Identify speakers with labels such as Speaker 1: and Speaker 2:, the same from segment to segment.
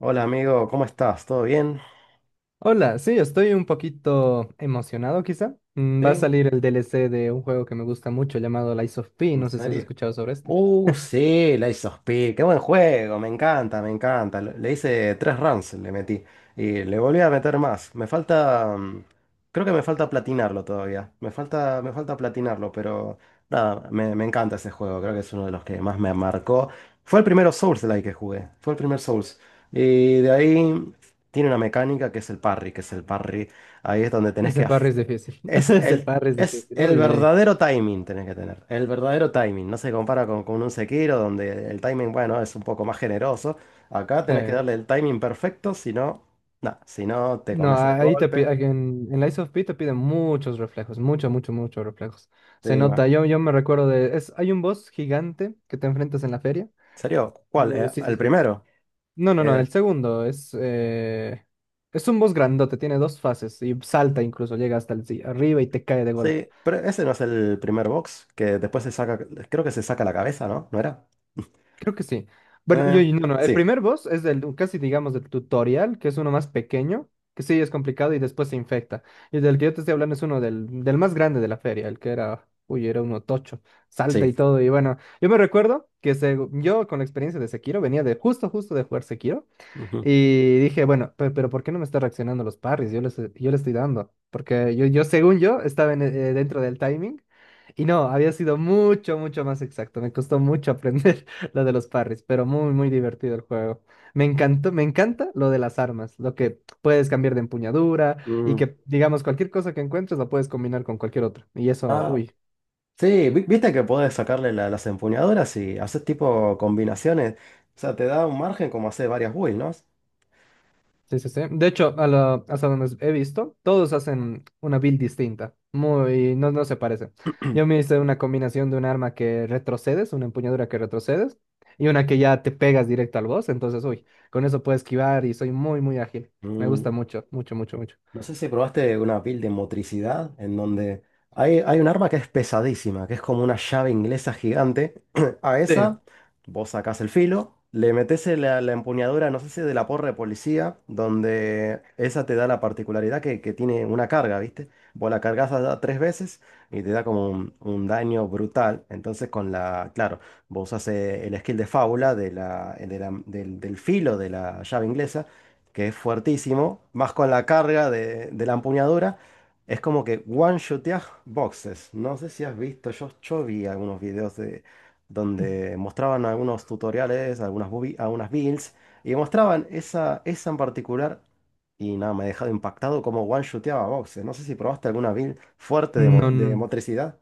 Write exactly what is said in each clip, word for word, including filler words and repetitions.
Speaker 1: Hola amigo, ¿cómo estás? ¿Todo bien?
Speaker 2: Hola, sí, estoy un poquito emocionado quizá. Mm, Va a
Speaker 1: ¿Sí?
Speaker 2: salir el D L C de un juego que me gusta mucho llamado Lies of P.
Speaker 1: ¿En
Speaker 2: No sé si has
Speaker 1: serio?
Speaker 2: escuchado sobre este.
Speaker 1: Uh, sí, la of P. Qué buen juego, me encanta, me encanta. Lo- Le hice tres runs, le metí. Y le volví a meter más. Me falta. mm, Creo que me falta platinarlo todavía. Me falta, me falta platinarlo, pero nada, me, me encanta ese juego. Creo que es uno de los que más me marcó. Fue el primero Souls-like que jugué. Fue el primer Souls. Y de ahí tiene una mecánica que es el parry, que es el parry. Ahí es donde tenés
Speaker 2: Ese
Speaker 1: que
Speaker 2: parry
Speaker 1: af-
Speaker 2: es difícil.
Speaker 1: Es
Speaker 2: Ese
Speaker 1: el,
Speaker 2: parry es
Speaker 1: es
Speaker 2: difícil.
Speaker 1: el
Speaker 2: Uy, uy, uy.
Speaker 1: verdadero timing tenés que tener. El verdadero timing. No se compara con, con un Sekiro donde el timing, bueno, es un poco más generoso. Acá
Speaker 2: Sí.
Speaker 1: tenés que darle el timing perfecto, si no, nah, si no te
Speaker 2: No,
Speaker 1: comes el
Speaker 2: ahí te pi-
Speaker 1: golpe.
Speaker 2: aquí en, en Lies of P te piden muchos reflejos, mucho, mucho, muchos reflejos. Se
Speaker 1: Sí, ma- ¿En
Speaker 2: nota, yo, yo me recuerdo de, es, hay un boss gigante que te enfrentas en la feria.
Speaker 1: serio? ¿Cuál?
Speaker 2: Oh,
Speaker 1: Eh,
Speaker 2: sí, sí,
Speaker 1: ¿el
Speaker 2: sí.
Speaker 1: primero?
Speaker 2: No, no, no,
Speaker 1: Eh,
Speaker 2: el segundo es, eh, es un boss grandote, tiene dos fases y salta incluso, llega hasta el, sí, arriba y te cae de golpe.
Speaker 1: sí, pero ese no es el primer box que después se saca, creo que se saca la cabeza, ¿no? ¿No era?
Speaker 2: Creo que sí. Bueno, yo,
Speaker 1: Eh,
Speaker 2: yo- no, no. El
Speaker 1: sí,
Speaker 2: primer boss es del, casi digamos del tutorial, que es uno más pequeño, que sí es complicado y después se infecta. Y del que yo te estoy hablando es uno del, del más grande de la feria, el que era, uy, era uno tocho, salta
Speaker 1: sí.
Speaker 2: y todo. Y bueno, yo me recuerdo que se, yo con la experiencia de Sekiro venía de justo, justo de jugar Sekiro.
Speaker 1: Ujú.
Speaker 2: Y dije, bueno, pe- pero, ¿por qué no me está reaccionando los parries? Yo le estoy, yo le estoy dando. Porque yo, yo, según yo, estaba en, eh, dentro del timing. Y no, había sido mucho, mucho más exacto. Me costó mucho aprender lo de los parries, pero muy, muy divertido el juego. Me encantó, me encanta lo de las armas, lo que puedes cambiar de empuñadura y
Speaker 1: Mm,
Speaker 2: que, digamos, cualquier cosa que encuentres la puedes combinar con cualquier otra. Y eso,
Speaker 1: ah,
Speaker 2: uy.
Speaker 1: sí, vi- viste que podés sacarle la- las empuñaduras y haces tipo combinaciones. O sea, te da un margen como hacer varias builds, ¿no?
Speaker 2: Sí, sí, sí. De hecho, a la- hasta donde he visto, todos hacen una build distinta. Muy, no, no se parece. Yo me hice una combinación de un arma que retrocedes, una empuñadura que retrocedes, y una que ya te pegas directo al boss. Entonces, uy, con eso puedo esquivar y soy muy, muy ágil. Me gusta
Speaker 1: Mm.
Speaker 2: mucho, mucho, mucho, mucho.
Speaker 1: No sé si probaste una build de motricidad en donde hay, hay un arma que es pesadísima, que es como una llave inglesa gigante. A
Speaker 2: Sí.
Speaker 1: esa vos sacás el filo, le metés la, la empuñadura, no sé si de la porra de policía, donde esa te da la particularidad que, que tiene una carga, ¿viste? Vos la cargas tres veces y te da como un, un daño brutal. Entonces con la, claro, vos usás eh, el skill de fábula de la, de la- del, del filo de la llave inglesa que es fuertísimo, más con la carga de, de la empuñadura, es como que one-shoteas boxes. No sé si has visto, yo, yo vi algunos videos de, donde mostraban algunos tutoriales, algunas, bubi- algunas builds, y mostraban esa, esa en particular, y nada, me ha dejado impactado como one-shoteaba boxes. No sé si probaste alguna build fuerte de, mo-
Speaker 2: No,
Speaker 1: de
Speaker 2: no,
Speaker 1: motricidad.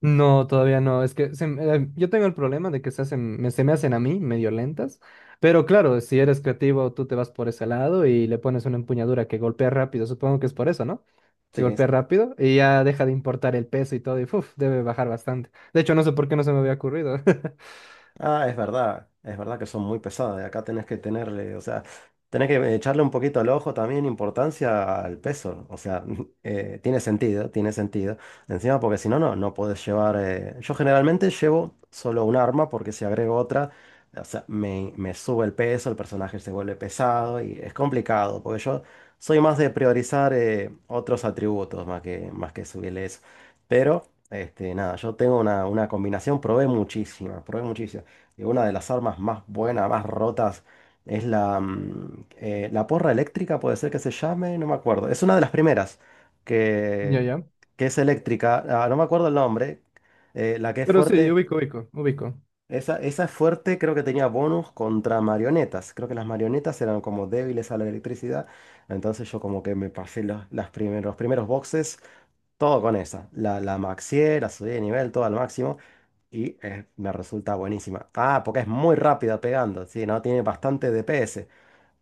Speaker 2: no, todavía no. Es que se me- eh, yo tengo el problema de que se hacen, me- se me hacen a mí medio lentas. Pero claro, si eres creativo, tú te vas por ese lado y le pones una empuñadura que golpea rápido. Supongo que es por eso, ¿no? Que
Speaker 1: Sí,
Speaker 2: golpea
Speaker 1: sí.
Speaker 2: rápido y ya deja de importar el peso y todo y uf, debe bajar bastante. De hecho, no sé por qué no se me había ocurrido.
Speaker 1: Ah, es verdad, es verdad que son muy pesadas. Acá tenés que tenerle, o sea, tenés que echarle un poquito al ojo también importancia al peso. O sea, eh, tiene sentido, tiene sentido. Encima, porque si no, no, no podés llevar. eh, Yo generalmente llevo solo un arma, porque si agrego otra, o sea, me, me sube el peso, el personaje se vuelve pesado y es complicado, porque yo soy más de priorizar eh, otros atributos más que, más que subirle eso. Pero, este, nada, yo tengo una, una combinación, probé muchísimas, probé muchísimas que una de las armas más buenas, más rotas, es la, mm, eh, la porra eléctrica, puede ser que se llame, no me acuerdo. Es una de las primeras
Speaker 2: Ya,
Speaker 1: que,
Speaker 2: ya.
Speaker 1: que es eléctrica, ah, no me acuerdo el nombre, eh, la que es
Speaker 2: Pero sí,
Speaker 1: fuerte,
Speaker 2: ubico, ubico, ubico.
Speaker 1: esa, esa es fuerte, creo que tenía bonus contra marionetas, creo que las marionetas eran como débiles a la electricidad, entonces yo como que me pasé los, las primer- los primeros boxes. Todo con esa. La, la maxié, la subí de nivel, todo al máximo. Y eh, me resulta buenísima. Ah, porque es muy rápida pegando. Sí, no tiene bastante D P S.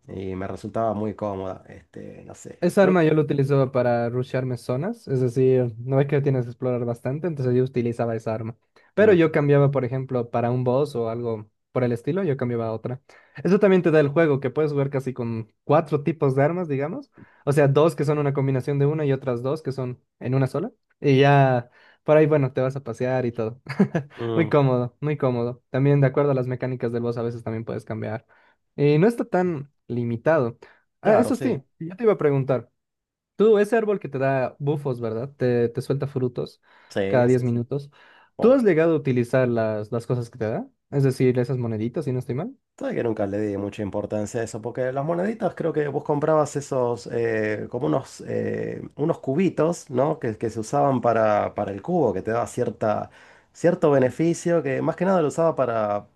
Speaker 1: Y me resultaba muy cómoda. Este, no sé.
Speaker 2: Esa
Speaker 1: Creo
Speaker 2: arma
Speaker 1: que.
Speaker 2: yo la utilizaba para rushearme zonas, es decir, no es que tienes que explorar bastante, entonces yo utilizaba esa arma. Pero yo
Speaker 1: Mm,
Speaker 2: cambiaba, por ejemplo, para un boss o algo por el estilo, yo cambiaba a otra. Eso también te da el juego, que puedes jugar casi con cuatro tipos de armas, digamos. O sea, dos que son una combinación de una y otras dos que son en una sola. Y ya por ahí, bueno, te vas a pasear y todo. Muy
Speaker 1: mm,
Speaker 2: cómodo, muy cómodo. También de acuerdo a las mecánicas del boss, a veces también puedes cambiar. Y no está tan limitado. Ah,
Speaker 1: claro,
Speaker 2: eso
Speaker 1: sí.
Speaker 2: sí, yo te iba a preguntar. Tú, ese árbol que te da bufos, ¿verdad? Te, te suelta frutos
Speaker 1: Sí,
Speaker 2: cada diez
Speaker 1: sí, sí.
Speaker 2: minutos. ¿Tú
Speaker 1: Oh.
Speaker 2: has llegado a utilizar las, las cosas que te da? Es decir, esas moneditas, si no estoy mal.
Speaker 1: Sabes que nunca le di mucha importancia a eso, porque las moneditas creo que vos comprabas esos, eh, como unos, eh, unos cubitos, ¿no? Que, que se usaban para, para el cubo, que te daba cierta, cierto beneficio, que más que nada lo usaba para,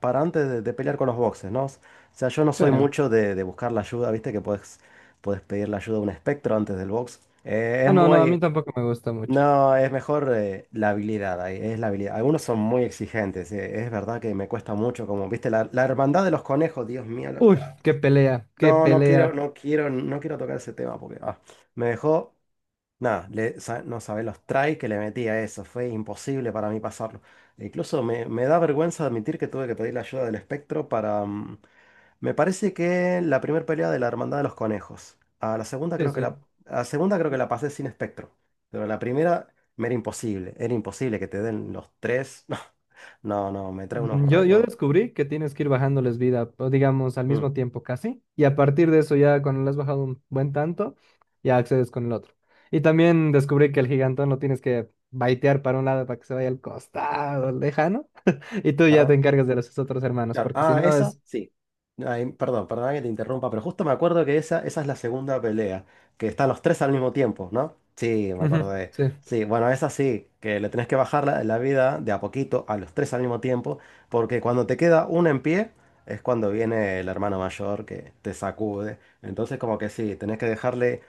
Speaker 1: para antes de, de pelear con los boxes, ¿no? O sea, yo no
Speaker 2: Sí.
Speaker 1: soy mucho de, de buscar la ayuda, ¿viste? Que puedes puedes pedir la ayuda a un espectro antes del box. Eh, es
Speaker 2: Ah, no, no, a
Speaker 1: muy,
Speaker 2: mí tampoco me gusta mucho.
Speaker 1: no, es mejor eh, la habilidad, ahí, es la habilidad. Algunos son muy exigentes, eh, es verdad que me cuesta mucho, como viste, la, la hermandad de los conejos, Dios mío. lo- ah,
Speaker 2: Uy, qué pelea, qué
Speaker 1: no, no quiero,
Speaker 2: pelea.
Speaker 1: no quiero, no quiero tocar ese tema porque ah, me dejó, nada, le- sa- no sabés los tries que le metí a eso, fue imposible para mí pasarlo. E incluso me, me da vergüenza admitir que tuve que pedir la ayuda del espectro para mm, me parece que la primera pelea de la Hermandad de los Conejos. A la segunda
Speaker 2: Sí,
Speaker 1: creo que
Speaker 2: sí.
Speaker 1: la, a la segunda creo que la pasé sin espectro. Pero la primera me era imposible. Era imposible que te den los tres. No, no, no, me trae unos
Speaker 2: Mm, Yo, yo
Speaker 1: récords.
Speaker 2: descubrí que tienes que ir bajándoles vida, o digamos, al
Speaker 1: Mm.
Speaker 2: mismo tiempo casi. Y a partir de eso, ya cuando le has bajado un buen tanto, ya accedes con el otro. Y también descubrí que el gigantón lo tienes que baitear para un lado para que se vaya al costado, lejano. Y tú ya
Speaker 1: Ah,
Speaker 2: te encargas de los otros hermanos,
Speaker 1: claro.
Speaker 2: porque si
Speaker 1: Ah,
Speaker 2: no
Speaker 1: esa,
Speaker 2: es...
Speaker 1: sí. Ay, perdón, perdón que te interrumpa, pero justo me acuerdo que esa, esa es la segunda pelea, que están los tres al mismo tiempo, ¿no? Sí, me
Speaker 2: Ujú,
Speaker 1: acordé.
Speaker 2: sí.
Speaker 1: Sí, bueno, esa sí, que le tenés que bajar la, la vida de a poquito a los tres al mismo tiempo, porque cuando te queda uno en pie es cuando viene el hermano mayor que te sacude. Entonces como que sí, tenés que dejarle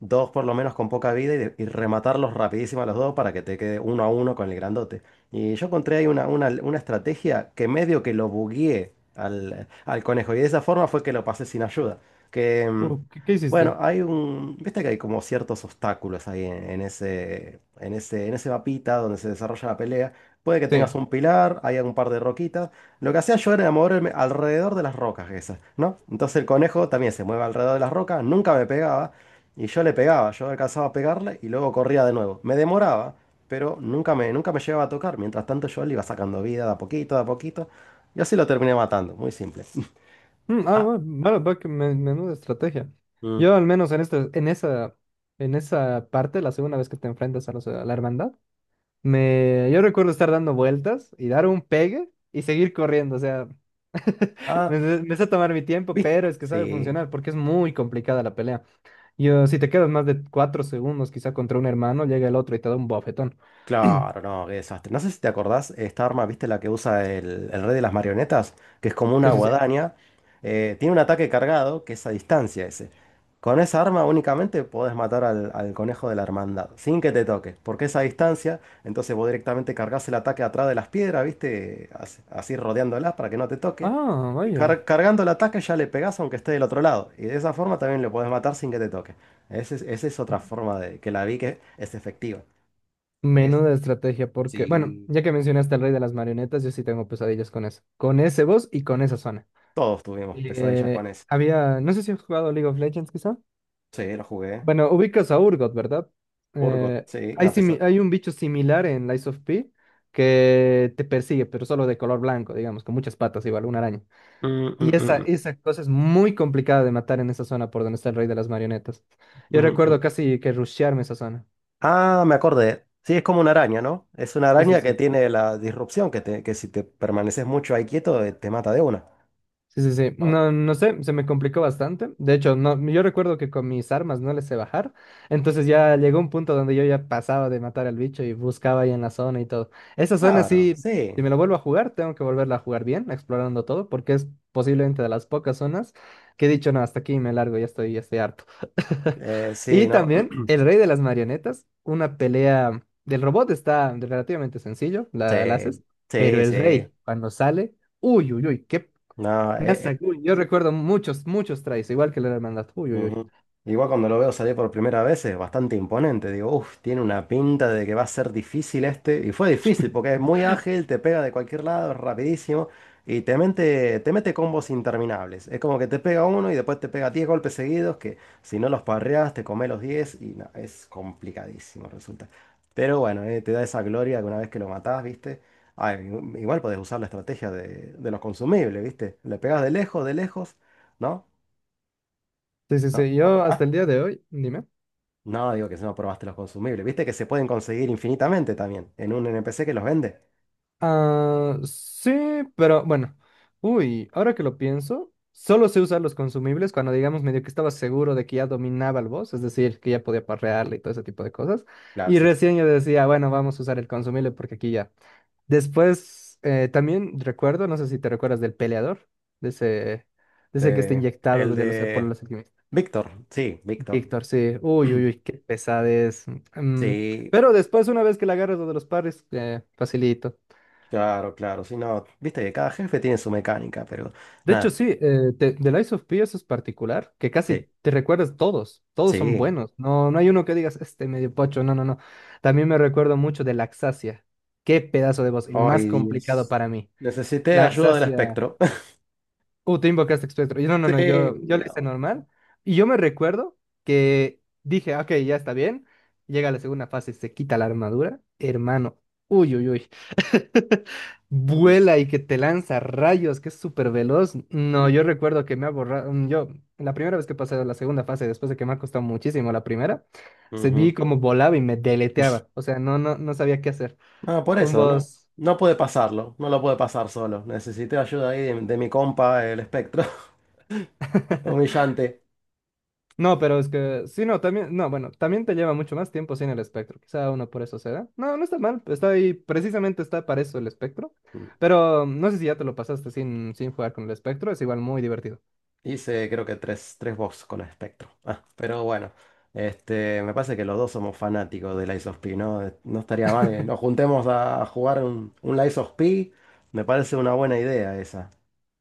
Speaker 1: dos por lo menos con poca vida y, de- y rematarlos rapidísimo a los dos para que te quede uno a uno con el grandote. Y yo encontré ahí una, una- una estrategia que medio que lo bugueé al, al conejo y de esa forma fue que lo pasé sin ayuda. Que, mm,
Speaker 2: Uh, ¿qué, qué
Speaker 1: bueno,
Speaker 2: hiciste?
Speaker 1: hay un, viste que hay como ciertos obstáculos ahí en, en ese, en ese, en ese mapita donde se desarrolla la pelea. Puede que tengas
Speaker 2: Sí.
Speaker 1: un pilar, hay un par de roquitas. Lo que hacía yo era moverme alrededor de las rocas esas, ¿no? Entonces el conejo también se mueve alrededor de las rocas, nunca me pegaba. Y yo le pegaba, yo alcanzaba a pegarle y luego corría de nuevo. Me demoraba, pero nunca me, nunca me llegaba a tocar. Mientras tanto yo le iba sacando vida de a poquito, de a poquito. Y así lo terminé matando, muy simple.
Speaker 2: Mm, ah,
Speaker 1: Ah,
Speaker 2: bueno, vale, va que me- menuda estrategia.
Speaker 1: mm,
Speaker 2: Yo al menos en este, en esa, en esa parte, la segunda vez que te enfrentas a, los- a la hermandad, me, yo recuerdo estar dando vueltas y dar un pegue y seguir corriendo. O sea,
Speaker 1: ah,
Speaker 2: me, me me sé tomar mi tiempo,
Speaker 1: ¿viste?
Speaker 2: pero es que sabe
Speaker 1: Sí.
Speaker 2: funcionar porque es muy complicada la pelea. Yo, si te quedas más de cuatro segundos quizá contra un hermano, llega el otro y te da un bofetón.
Speaker 1: Claro, no, qué desastre. No sé si te acordás, esta arma, ¿viste la que usa el, el rey de las marionetas? Que es como una
Speaker 2: Sí, sí, sí.
Speaker 1: guadaña. Eh, tiene un ataque cargado, que es a distancia ese. Con esa arma únicamente podés matar al, al conejo de la hermandad, sin que te toque, porque es a distancia, entonces vos directamente cargas el ataque atrás de las piedras, ¿viste? Así, así rodeándolas para que no te toque.
Speaker 2: Ah,
Speaker 1: Y
Speaker 2: vaya.
Speaker 1: car- cargando el ataque ya le pegás aunque esté del otro lado. Y de esa forma también lo podés matar sin que te toque. Ese es- Esa es otra forma de que la vi que es efectiva.
Speaker 2: Menuda estrategia, porque, bueno,
Speaker 1: Sí.
Speaker 2: ya que mencionaste al rey de las marionetas, yo sí tengo pesadillas con eso. Con ese boss y con esa zona.
Speaker 1: Todos tuvimos pesadillas con
Speaker 2: Eh,
Speaker 1: eso.
Speaker 2: había, no sé si has jugado League of Legends, quizá.
Speaker 1: Sí, lo jugué.
Speaker 2: Bueno, ubicas a Urgot, ¿verdad?
Speaker 1: Urgot,
Speaker 2: Eh,
Speaker 1: sí,
Speaker 2: hay,
Speaker 1: una
Speaker 2: simi-
Speaker 1: pesadilla.
Speaker 2: hay un bicho similar en Lies of P que te persigue, pero solo de color blanco, digamos, con muchas patas, igual, una araña.
Speaker 1: Mm,
Speaker 2: Y esa,
Speaker 1: mm,
Speaker 2: esa cosa es muy complicada de matar en esa zona por donde está el rey de las marionetas.
Speaker 1: mm,
Speaker 2: Yo
Speaker 1: mm, mm.
Speaker 2: recuerdo casi que rushearme esa zona.
Speaker 1: Ah, me acordé. Sí, es como una araña, ¿no? Es una
Speaker 2: Sí, sí,
Speaker 1: araña
Speaker 2: sí.
Speaker 1: que tiene la disrupción, que, te- que si te permaneces mucho ahí quieto, eh, te mata de una.
Speaker 2: Sí, sí, sí.
Speaker 1: ¿No?
Speaker 2: No, no sé, se me complicó bastante. De hecho, no, yo recuerdo que con mis armas no les sé bajar. Entonces ya llegó un punto donde yo ya pasaba de matar al bicho y buscaba ahí en la zona y todo. Esa zona
Speaker 1: Claro,
Speaker 2: sí, si
Speaker 1: sí.
Speaker 2: me lo vuelvo a jugar, tengo que volverla a jugar bien, explorando todo, porque es posiblemente de las pocas zonas que he dicho, no, hasta aquí me largo, ya estoy, ya estoy harto.
Speaker 1: Eh,
Speaker 2: Y
Speaker 1: sí, ¿no?
Speaker 2: también el rey de las marionetas, una pelea del robot está relativamente sencillo,
Speaker 1: Sí,
Speaker 2: la, la haces, pero
Speaker 1: sí,
Speaker 2: el
Speaker 1: sí.
Speaker 2: rey, cuando sale, uy, uy, uy, qué
Speaker 1: No, e-
Speaker 2: masa, uy, yo recuerdo muchos, muchos tries, igual que la hermandad. Uy, uy, uy.
Speaker 1: ujú. Igual cuando lo veo salir por primera vez es bastante imponente. Digo, uff, tiene una pinta de que va a ser difícil este. Y fue difícil porque es muy ágil, te pega de cualquier lado, es rapidísimo. Y te mete, te mete combos interminables. Es como que te pega uno y después te pega diez golpes seguidos que si no los parreas te come los diez y no, es complicadísimo resulta. Pero bueno, eh, te da esa gloria que una vez que lo matás, ¿viste? Ay, igual podés usar la estrategia de, de los consumibles, ¿viste? Le pegas de lejos, de lejos, ¿no?
Speaker 2: Sí, sí,
Speaker 1: ¿No?
Speaker 2: sí,
Speaker 1: ¿No
Speaker 2: yo hasta el
Speaker 1: probaste?
Speaker 2: día de hoy, dime.
Speaker 1: No, digo que si no probaste los consumibles. Viste que se pueden conseguir infinitamente también en un N P C que los vende.
Speaker 2: Ah, sí, pero bueno. Uy, ahora que lo pienso, solo sé usar los consumibles cuando digamos medio que estaba seguro de que ya dominaba el boss, es decir, que ya podía parrearle y todo ese tipo de cosas.
Speaker 1: Claro,
Speaker 2: Y
Speaker 1: sí.
Speaker 2: recién yo decía, bueno, vamos a usar el consumible porque aquí ya. Después, eh, también recuerdo, no sé si te recuerdas del peleador, de ese, de ese que está
Speaker 1: De-
Speaker 2: inyectado
Speaker 1: el
Speaker 2: de los, por
Speaker 1: de
Speaker 2: los alquimistas.
Speaker 1: Víctor. Sí, Víctor.
Speaker 2: Víctor, sí. Uy, uy, uy, qué pesadez. Mm,
Speaker 1: Sí,
Speaker 2: pero después, una vez que la agarras lo de los parries, eh, facilito.
Speaker 1: claro, claro. Sí, no. Viste que cada jefe tiene su mecánica, pero
Speaker 2: De hecho,
Speaker 1: nada.
Speaker 2: sí, eh, te- The Lies of P eso es particular, que
Speaker 1: Sí,
Speaker 2: casi te recuerdas todos. Todos son
Speaker 1: sí.
Speaker 2: buenos. No, no hay uno que digas, este medio pocho. No, no, no. También me recuerdo mucho de Laxacia. Qué pedazo de voz. El más
Speaker 1: Hoy día.
Speaker 2: complicado para mí.
Speaker 1: Necesité ayuda del
Speaker 2: Laxacia.
Speaker 1: espectro.
Speaker 2: Uh, tú invocaste espectro. Yo, no, no, no,
Speaker 1: Sí.
Speaker 2: yo, yo le hice
Speaker 1: No.
Speaker 2: normal. Y yo me recuerdo que dije, "Ah, ok, ya está bien. Llega la segunda fase, se quita la armadura. Hermano, uy, uy, uy. Vuela y que te lanza rayos, que es súper veloz. No, yo recuerdo que me ha borrado. mm, Yo, la primera vez que pasé a la segunda fase, después de que me ha costado muchísimo la primera, se vi
Speaker 1: Ujú.
Speaker 2: como volaba y me deleteaba. O sea, no, no, no sabía qué hacer.
Speaker 1: No, por
Speaker 2: Un
Speaker 1: eso, ¿no?
Speaker 2: boss.
Speaker 1: No pude pasarlo. No lo pude pasar solo. Necesité ayuda ahí de, de mi compa, el espectro. Humillante.
Speaker 2: No, pero es que, sí, no, también, no, bueno, también te lleva mucho más tiempo sin el espectro, quizá uno por eso se da. No, no está mal, pues, está ahí, precisamente está para eso el espectro, pero mm, no sé si ya te lo pasaste sin, sin jugar con el espectro, es igual muy divertido.
Speaker 1: Hice creo que tres, tres box con Spectrum. Ah, pero bueno, este, me parece que los dos somos fanáticos de Lies of P, ¿no? Eh, No estaría mal que nos juntemos a jugar un, un Lies of P. Me parece una buena idea esa,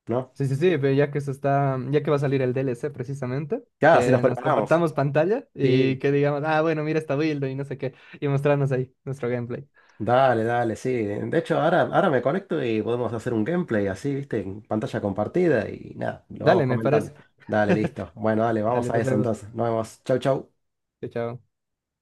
Speaker 1: ¿no?
Speaker 2: Sí, sí, sí, pero ya que se está, ya que va a salir el D L C precisamente,
Speaker 1: Ya, así nos
Speaker 2: que nos
Speaker 1: preparamos.
Speaker 2: compartamos pantalla y
Speaker 1: Sí.
Speaker 2: que digamos, ah, bueno, mira esta build y no sé qué, y mostrarnos ahí nuestro gameplay.
Speaker 1: Dale, dale, sí. De hecho, ahora, ahora me conecto y podemos hacer un gameplay así, ¿viste? En pantalla compartida y nada, lo vamos
Speaker 2: Dale, me
Speaker 1: comentando.
Speaker 2: parece.
Speaker 1: Dale, listo. Bueno, dale, vamos
Speaker 2: Dale,
Speaker 1: a
Speaker 2: nos
Speaker 1: eso
Speaker 2: vemos.
Speaker 1: entonces. Nos vemos. Chau, chau.
Speaker 2: Chao, chao.